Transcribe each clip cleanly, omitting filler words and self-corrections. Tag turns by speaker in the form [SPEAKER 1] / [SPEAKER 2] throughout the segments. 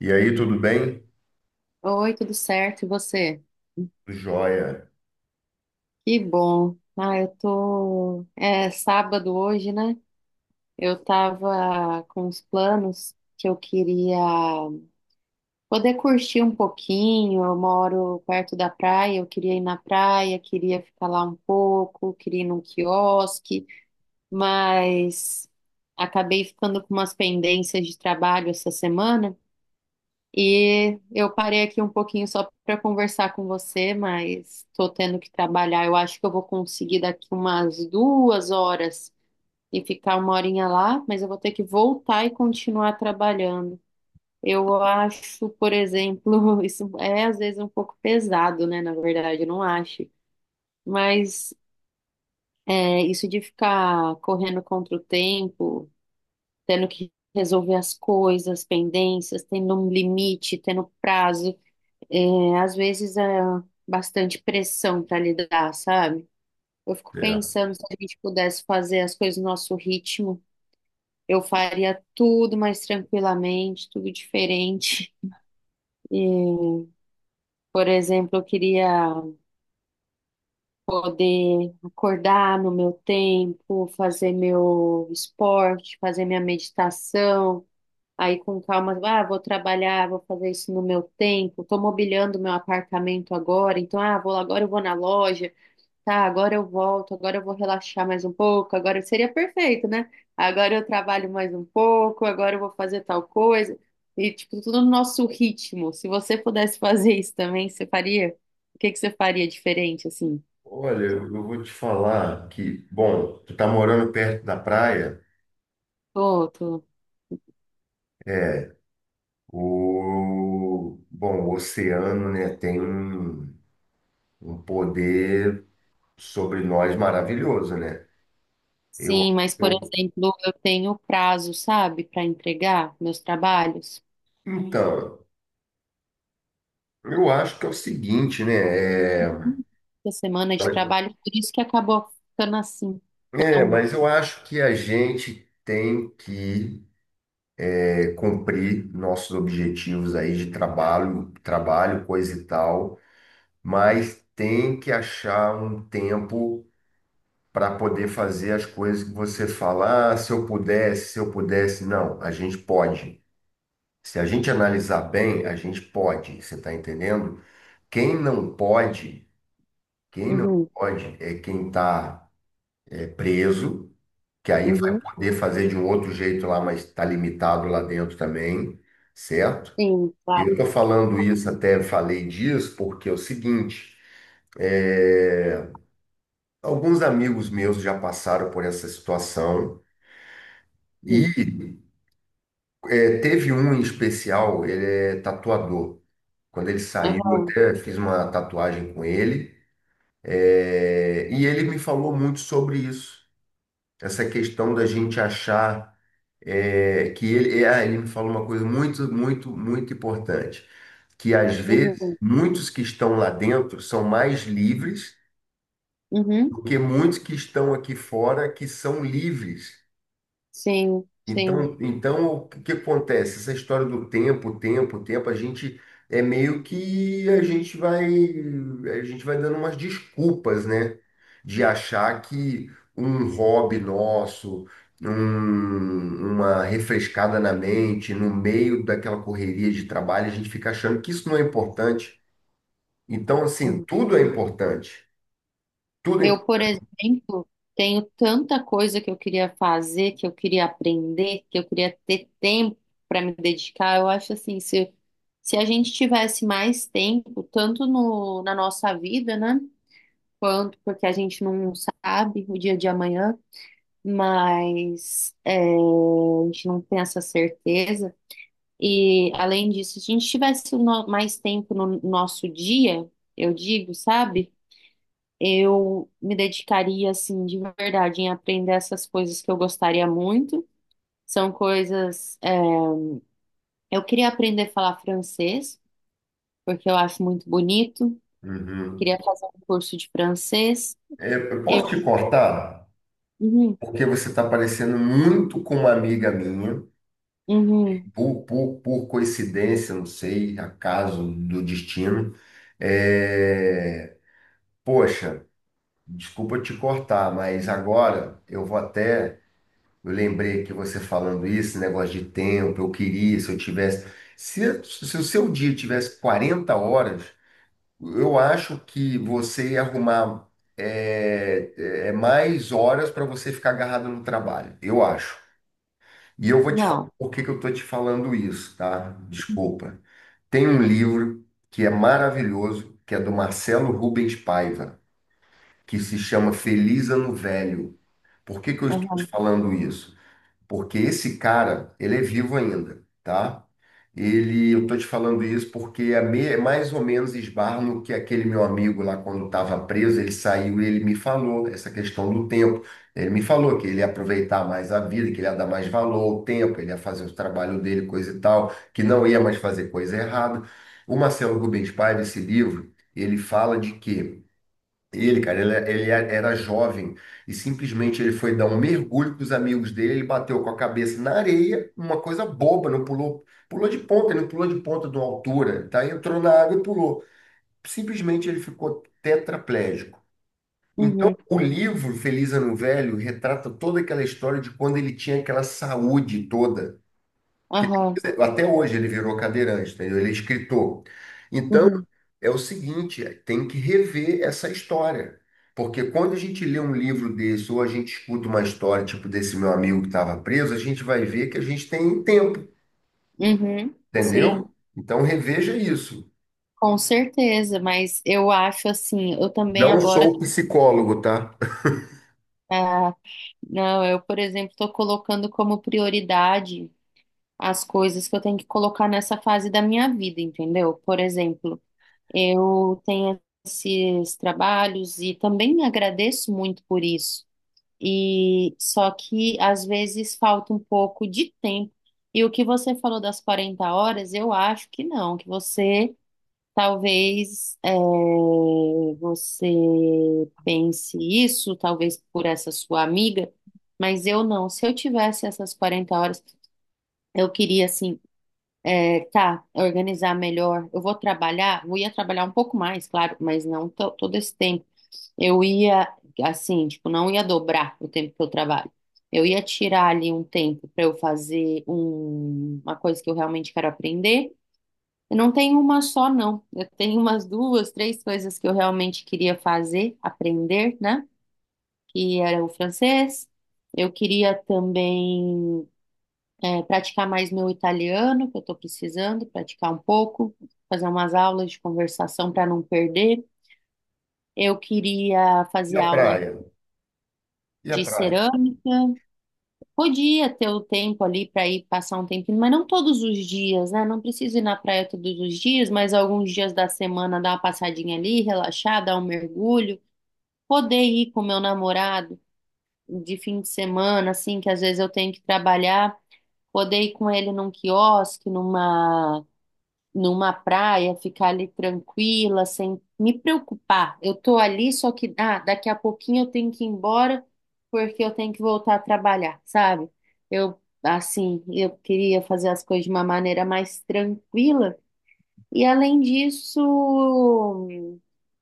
[SPEAKER 1] E aí, tudo bem?
[SPEAKER 2] Oi, tudo certo? E você?
[SPEAKER 1] Joia.
[SPEAKER 2] Que bom. Ah, eu tô. É sábado hoje, né? Eu tava com os planos que eu queria poder curtir um pouquinho. Eu moro perto da praia, eu queria ir na praia, queria ficar lá um pouco, queria ir num quiosque, mas acabei ficando com umas pendências de trabalho essa semana. E eu parei aqui um pouquinho só para conversar com você, mas estou tendo que trabalhar. Eu acho que eu vou conseguir daqui umas 2 horas e ficar uma horinha lá, mas eu vou ter que voltar e continuar trabalhando. Eu acho, por exemplo, isso é às vezes um pouco pesado, né? Na verdade, eu não acho. Mas isso de ficar correndo contra o tempo, tendo que resolver as coisas, pendências, tendo um limite, tendo prazo. É, às vezes é bastante pressão para lidar, sabe? Eu fico
[SPEAKER 1] É.
[SPEAKER 2] pensando se a gente pudesse fazer as coisas no nosso ritmo, eu faria tudo mais tranquilamente, tudo diferente. E, por exemplo, eu queria poder acordar no meu tempo, fazer meu esporte, fazer minha meditação. Aí com calma, ah, vou trabalhar, vou fazer isso no meu tempo. Estou mobiliando meu apartamento agora, então, ah, vou agora eu vou na loja. Tá, agora eu volto, agora eu vou relaxar mais um pouco, agora seria perfeito, né? Agora eu trabalho mais um pouco, agora eu vou fazer tal coisa. E, tipo, tudo no nosso ritmo. Se você pudesse fazer isso também, você faria? O que que você faria diferente, assim?
[SPEAKER 1] Olha, eu vou te falar que, bom, tu tá morando perto da praia,
[SPEAKER 2] Tô, tô.
[SPEAKER 1] é, o, bom, o oceano, né, tem um poder sobre nós maravilhoso, né? Eu,
[SPEAKER 2] Sim, mas, por
[SPEAKER 1] eu,
[SPEAKER 2] exemplo, eu tenho prazo, sabe, para entregar meus trabalhos.
[SPEAKER 1] então, eu acho que é o seguinte, né,
[SPEAKER 2] Essa semana de trabalho, por isso que acabou ficando assim. Então,
[SPEAKER 1] mas eu acho que a gente tem que cumprir nossos objetivos aí de trabalho, trabalho, coisa e tal. Mas tem que achar um tempo para poder fazer as coisas que você fala, ah, se eu pudesse. Não, a gente pode. Se a gente analisar bem, a gente pode, você está entendendo? Quem não pode, quem não
[SPEAKER 2] uhum,
[SPEAKER 1] pode é quem está preso, que aí vai
[SPEAKER 2] uhum,
[SPEAKER 1] poder fazer de um outro jeito lá, mas está limitado lá dentro também, certo?
[SPEAKER 2] sim, claro.
[SPEAKER 1] Eu estou falando isso, até falei disso, porque é o seguinte, é, alguns amigos meus já passaram por essa situação e
[SPEAKER 2] Uhum,
[SPEAKER 1] teve um em especial, ele é tatuador. Quando ele saiu, eu
[SPEAKER 2] aham,
[SPEAKER 1] até fiz uma tatuagem com ele, e ele me falou muito sobre isso, essa questão da gente achar que ele me falou uma coisa muito, muito, muito importante, que às vezes
[SPEAKER 2] uhum,
[SPEAKER 1] muitos que estão lá dentro são mais livres
[SPEAKER 2] uhum.
[SPEAKER 1] do que muitos que estão aqui fora que são livres.
[SPEAKER 2] Sim, sim.
[SPEAKER 1] Então, então, o que que acontece? Essa história do tempo, tempo, tempo, a gente é meio que a gente vai, a gente vai dando umas desculpas, né? De achar que um hobby nosso, uma refrescada na mente, no meio daquela correria de trabalho, a gente fica achando que isso não é importante. Então, assim,
[SPEAKER 2] Uhum.
[SPEAKER 1] tudo é importante. Tudo é
[SPEAKER 2] Eu, por
[SPEAKER 1] importante.
[SPEAKER 2] exemplo, tenho tanta coisa que eu queria fazer, que eu queria aprender, que eu queria ter tempo para me dedicar. Eu acho assim, se a gente tivesse mais tempo, tanto no, na nossa vida, né? Quanto porque a gente não sabe o dia de amanhã, mas a gente não tem essa certeza. E além disso, se a gente tivesse mais tempo no nosso dia, eu digo, sabe? Eu me dedicaria, assim, de verdade, em aprender essas coisas que eu gostaria muito. São coisas. Eu queria aprender a falar francês, porque eu acho muito bonito. Eu
[SPEAKER 1] Uhum.
[SPEAKER 2] queria fazer um curso de francês.
[SPEAKER 1] É, eu posso
[SPEAKER 2] Eu.
[SPEAKER 1] te cortar?
[SPEAKER 2] Uhum,
[SPEAKER 1] Porque você está parecendo muito com uma amiga minha.
[SPEAKER 2] uhum,
[SPEAKER 1] Por coincidência, não sei, acaso do destino. É... Poxa, desculpa te cortar, mas agora eu vou até. Eu lembrei que você falando isso, negócio de tempo, eu queria, se eu tivesse. Se o seu dia tivesse 40 horas, eu acho que você ia arrumar é mais horas para você ficar agarrado no trabalho, eu acho. E eu vou te falar
[SPEAKER 2] não.
[SPEAKER 1] por que que eu tô te falando isso, tá? Desculpa. Tem um livro que é maravilhoso, que é do Marcelo Rubens Paiva, que se chama Feliz Ano Velho. Por que que eu estou te
[SPEAKER 2] Aham,
[SPEAKER 1] falando isso? Porque esse cara, ele é vivo ainda, tá? Ele, eu tô te falando isso porque é é mais ou menos esbarra no que aquele meu amigo lá quando estava preso, ele saiu e ele me falou essa questão do tempo. Ele me falou que ele ia aproveitar mais a vida, que ele ia dar mais valor ao tempo, ele ia fazer o trabalho dele, coisa e tal, que não ia mais fazer coisa errada. O Marcelo Rubens Paiva, esse livro, ele fala de quê? Ele, cara, ele é, era jovem e simplesmente ele foi dar um mergulho com os amigos dele, ele bateu com a cabeça na areia, uma coisa boba, não pulou, pulou de ponta, ele não pulou de ponta de uma altura, tá? Entrou na água e pulou. Simplesmente ele ficou tetraplégico. Então,
[SPEAKER 2] uhum,
[SPEAKER 1] o livro Feliz Ano Velho retrata toda aquela história de quando ele tinha aquela saúde toda, porque
[SPEAKER 2] aham,
[SPEAKER 1] depois, até hoje ele virou cadeirante, entendeu? Ele é escritor. Então,
[SPEAKER 2] uhum,
[SPEAKER 1] é o seguinte, é, tem que rever essa história. Porque quando a gente lê um livro desse, ou a gente escuta uma história, tipo desse meu amigo que estava preso, a gente vai ver que a gente tem tempo,
[SPEAKER 2] uhum, sim,
[SPEAKER 1] entendeu? Então reveja isso.
[SPEAKER 2] com certeza, mas eu acho assim, eu também
[SPEAKER 1] Não
[SPEAKER 2] agora,
[SPEAKER 1] sou psicólogo, tá?
[SPEAKER 2] ah, não, eu, por exemplo, estou colocando como prioridade as coisas que eu tenho que colocar nessa fase da minha vida, entendeu? Por exemplo, eu tenho esses trabalhos e também agradeço muito por isso. E só que às vezes falta um pouco de tempo. E o que você falou das 40 horas, eu acho que não, que você talvez você pense isso, talvez por essa sua amiga, mas eu não. Se eu tivesse essas 40 horas, eu queria assim organizar melhor. Eu vou trabalhar, eu ia trabalhar um pouco mais, claro, mas não todo esse tempo. Eu ia, assim, tipo, não ia dobrar o tempo que eu trabalho. Eu ia tirar ali um tempo para eu fazer uma coisa que eu realmente quero aprender. Eu não tenho uma só, não. Eu tenho umas duas, três coisas que eu realmente queria fazer, aprender, né? Que era o francês. Eu queria também praticar mais meu italiano, que eu estou precisando praticar um pouco, fazer umas aulas de conversação para não perder. Eu queria
[SPEAKER 1] E
[SPEAKER 2] fazer
[SPEAKER 1] a
[SPEAKER 2] aula
[SPEAKER 1] praia? E a
[SPEAKER 2] de
[SPEAKER 1] praia?
[SPEAKER 2] cerâmica. Podia ter o tempo ali para ir passar um tempinho, mas não todos os dias, né? Não preciso ir na praia todos os dias, mas alguns dias da semana dar uma passadinha ali, relaxar, dar um mergulho. Poder ir com meu namorado de fim de semana, assim, que às vezes eu tenho que trabalhar, poder ir com ele num quiosque, numa praia, ficar ali tranquila, sem me preocupar. Eu tô ali, só que daqui a pouquinho eu tenho que ir embora porque eu tenho que voltar a trabalhar, sabe? Eu assim, eu queria fazer as coisas de uma maneira mais tranquila e além disso,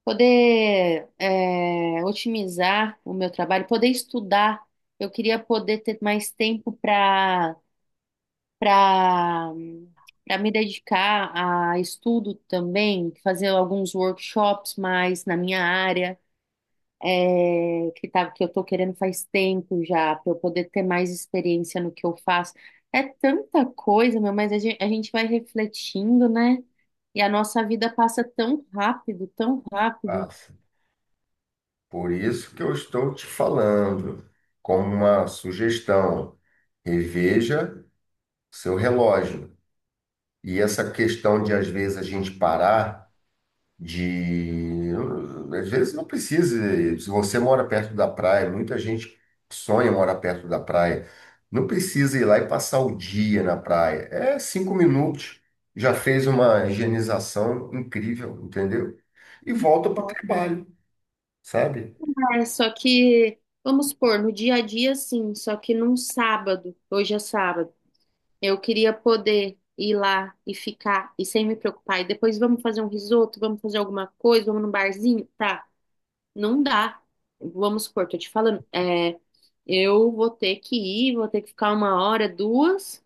[SPEAKER 2] poder otimizar o meu trabalho, poder estudar. Eu queria poder ter mais tempo para para me dedicar a estudo também, fazer alguns workshops mais na minha área, que eu estou querendo faz tempo já, para eu poder ter mais experiência no que eu faço. É tanta coisa, meu, mas a gente vai refletindo, né? E a nossa vida passa tão rápido, tão rápido.
[SPEAKER 1] Passa. Por isso que eu estou te falando, como uma sugestão, reveja seu relógio. E essa questão de, às vezes, a gente parar. De às vezes não precisa, se você mora perto da praia, muita gente sonha morar perto da praia, não precisa ir lá e passar o dia na praia, é 5 minutos, já fez uma higienização incrível, entendeu? E volta para o trabalho, sabe?
[SPEAKER 2] É, só que, vamos supor, no dia a dia, sim, só que num sábado, hoje é sábado. Eu queria poder ir lá e ficar e sem me preocupar. E depois vamos fazer um risoto, vamos fazer alguma coisa, vamos num barzinho? Tá, não dá. Vamos supor, tô te falando, eu vou ter que ir, vou ter que ficar 1 hora, duas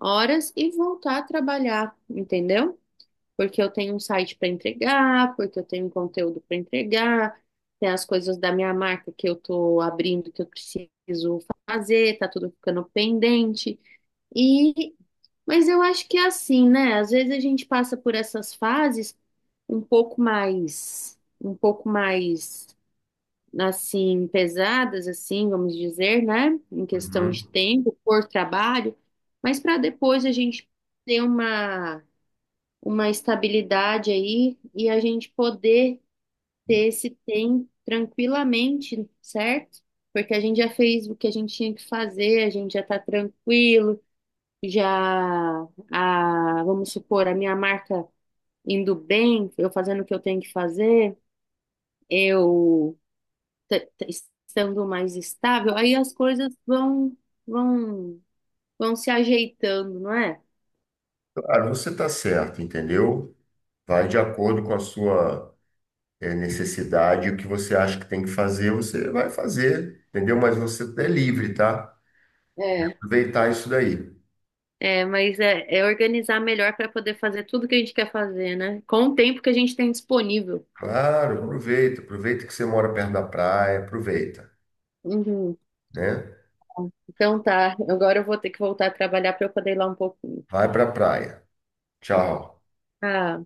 [SPEAKER 2] horas e voltar a trabalhar, entendeu? Porque eu tenho um site para entregar, porque eu tenho um conteúdo para entregar, tem as coisas da minha marca que eu tô abrindo que eu preciso fazer, tá tudo ficando pendente. E mas eu acho que é assim, né? Às vezes a gente passa por essas fases um pouco mais, assim, pesadas, assim, vamos dizer, né? Em questão
[SPEAKER 1] Uhum.
[SPEAKER 2] de tempo, por trabalho, mas para depois a gente ter uma estabilidade aí e a gente poder ter esse tempo tranquilamente, certo? Porque a gente já fez o que a gente tinha que fazer, a gente já tá tranquilo já. Vamos supor, a minha marca indo bem, eu fazendo o que eu tenho que fazer, eu te- te- estando mais estável, aí as coisas vão vão se ajeitando, não é?
[SPEAKER 1] Claro, você está certo, entendeu? Vai de acordo com a sua necessidade. O que você acha que tem que fazer você vai fazer, entendeu? Mas você é livre, tá?
[SPEAKER 2] É,
[SPEAKER 1] Aproveitar isso daí.
[SPEAKER 2] é, mas é organizar melhor para poder fazer tudo que a gente quer fazer, né? Com o tempo que a gente tem disponível.
[SPEAKER 1] Claro, aproveita. Aproveita que você mora perto da praia, aproveita,
[SPEAKER 2] Uhum.
[SPEAKER 1] né?
[SPEAKER 2] Então tá, agora eu vou ter que voltar a trabalhar para eu poder ir lá um pouquinho.
[SPEAKER 1] Vai pra praia. Tchau.
[SPEAKER 2] Ah.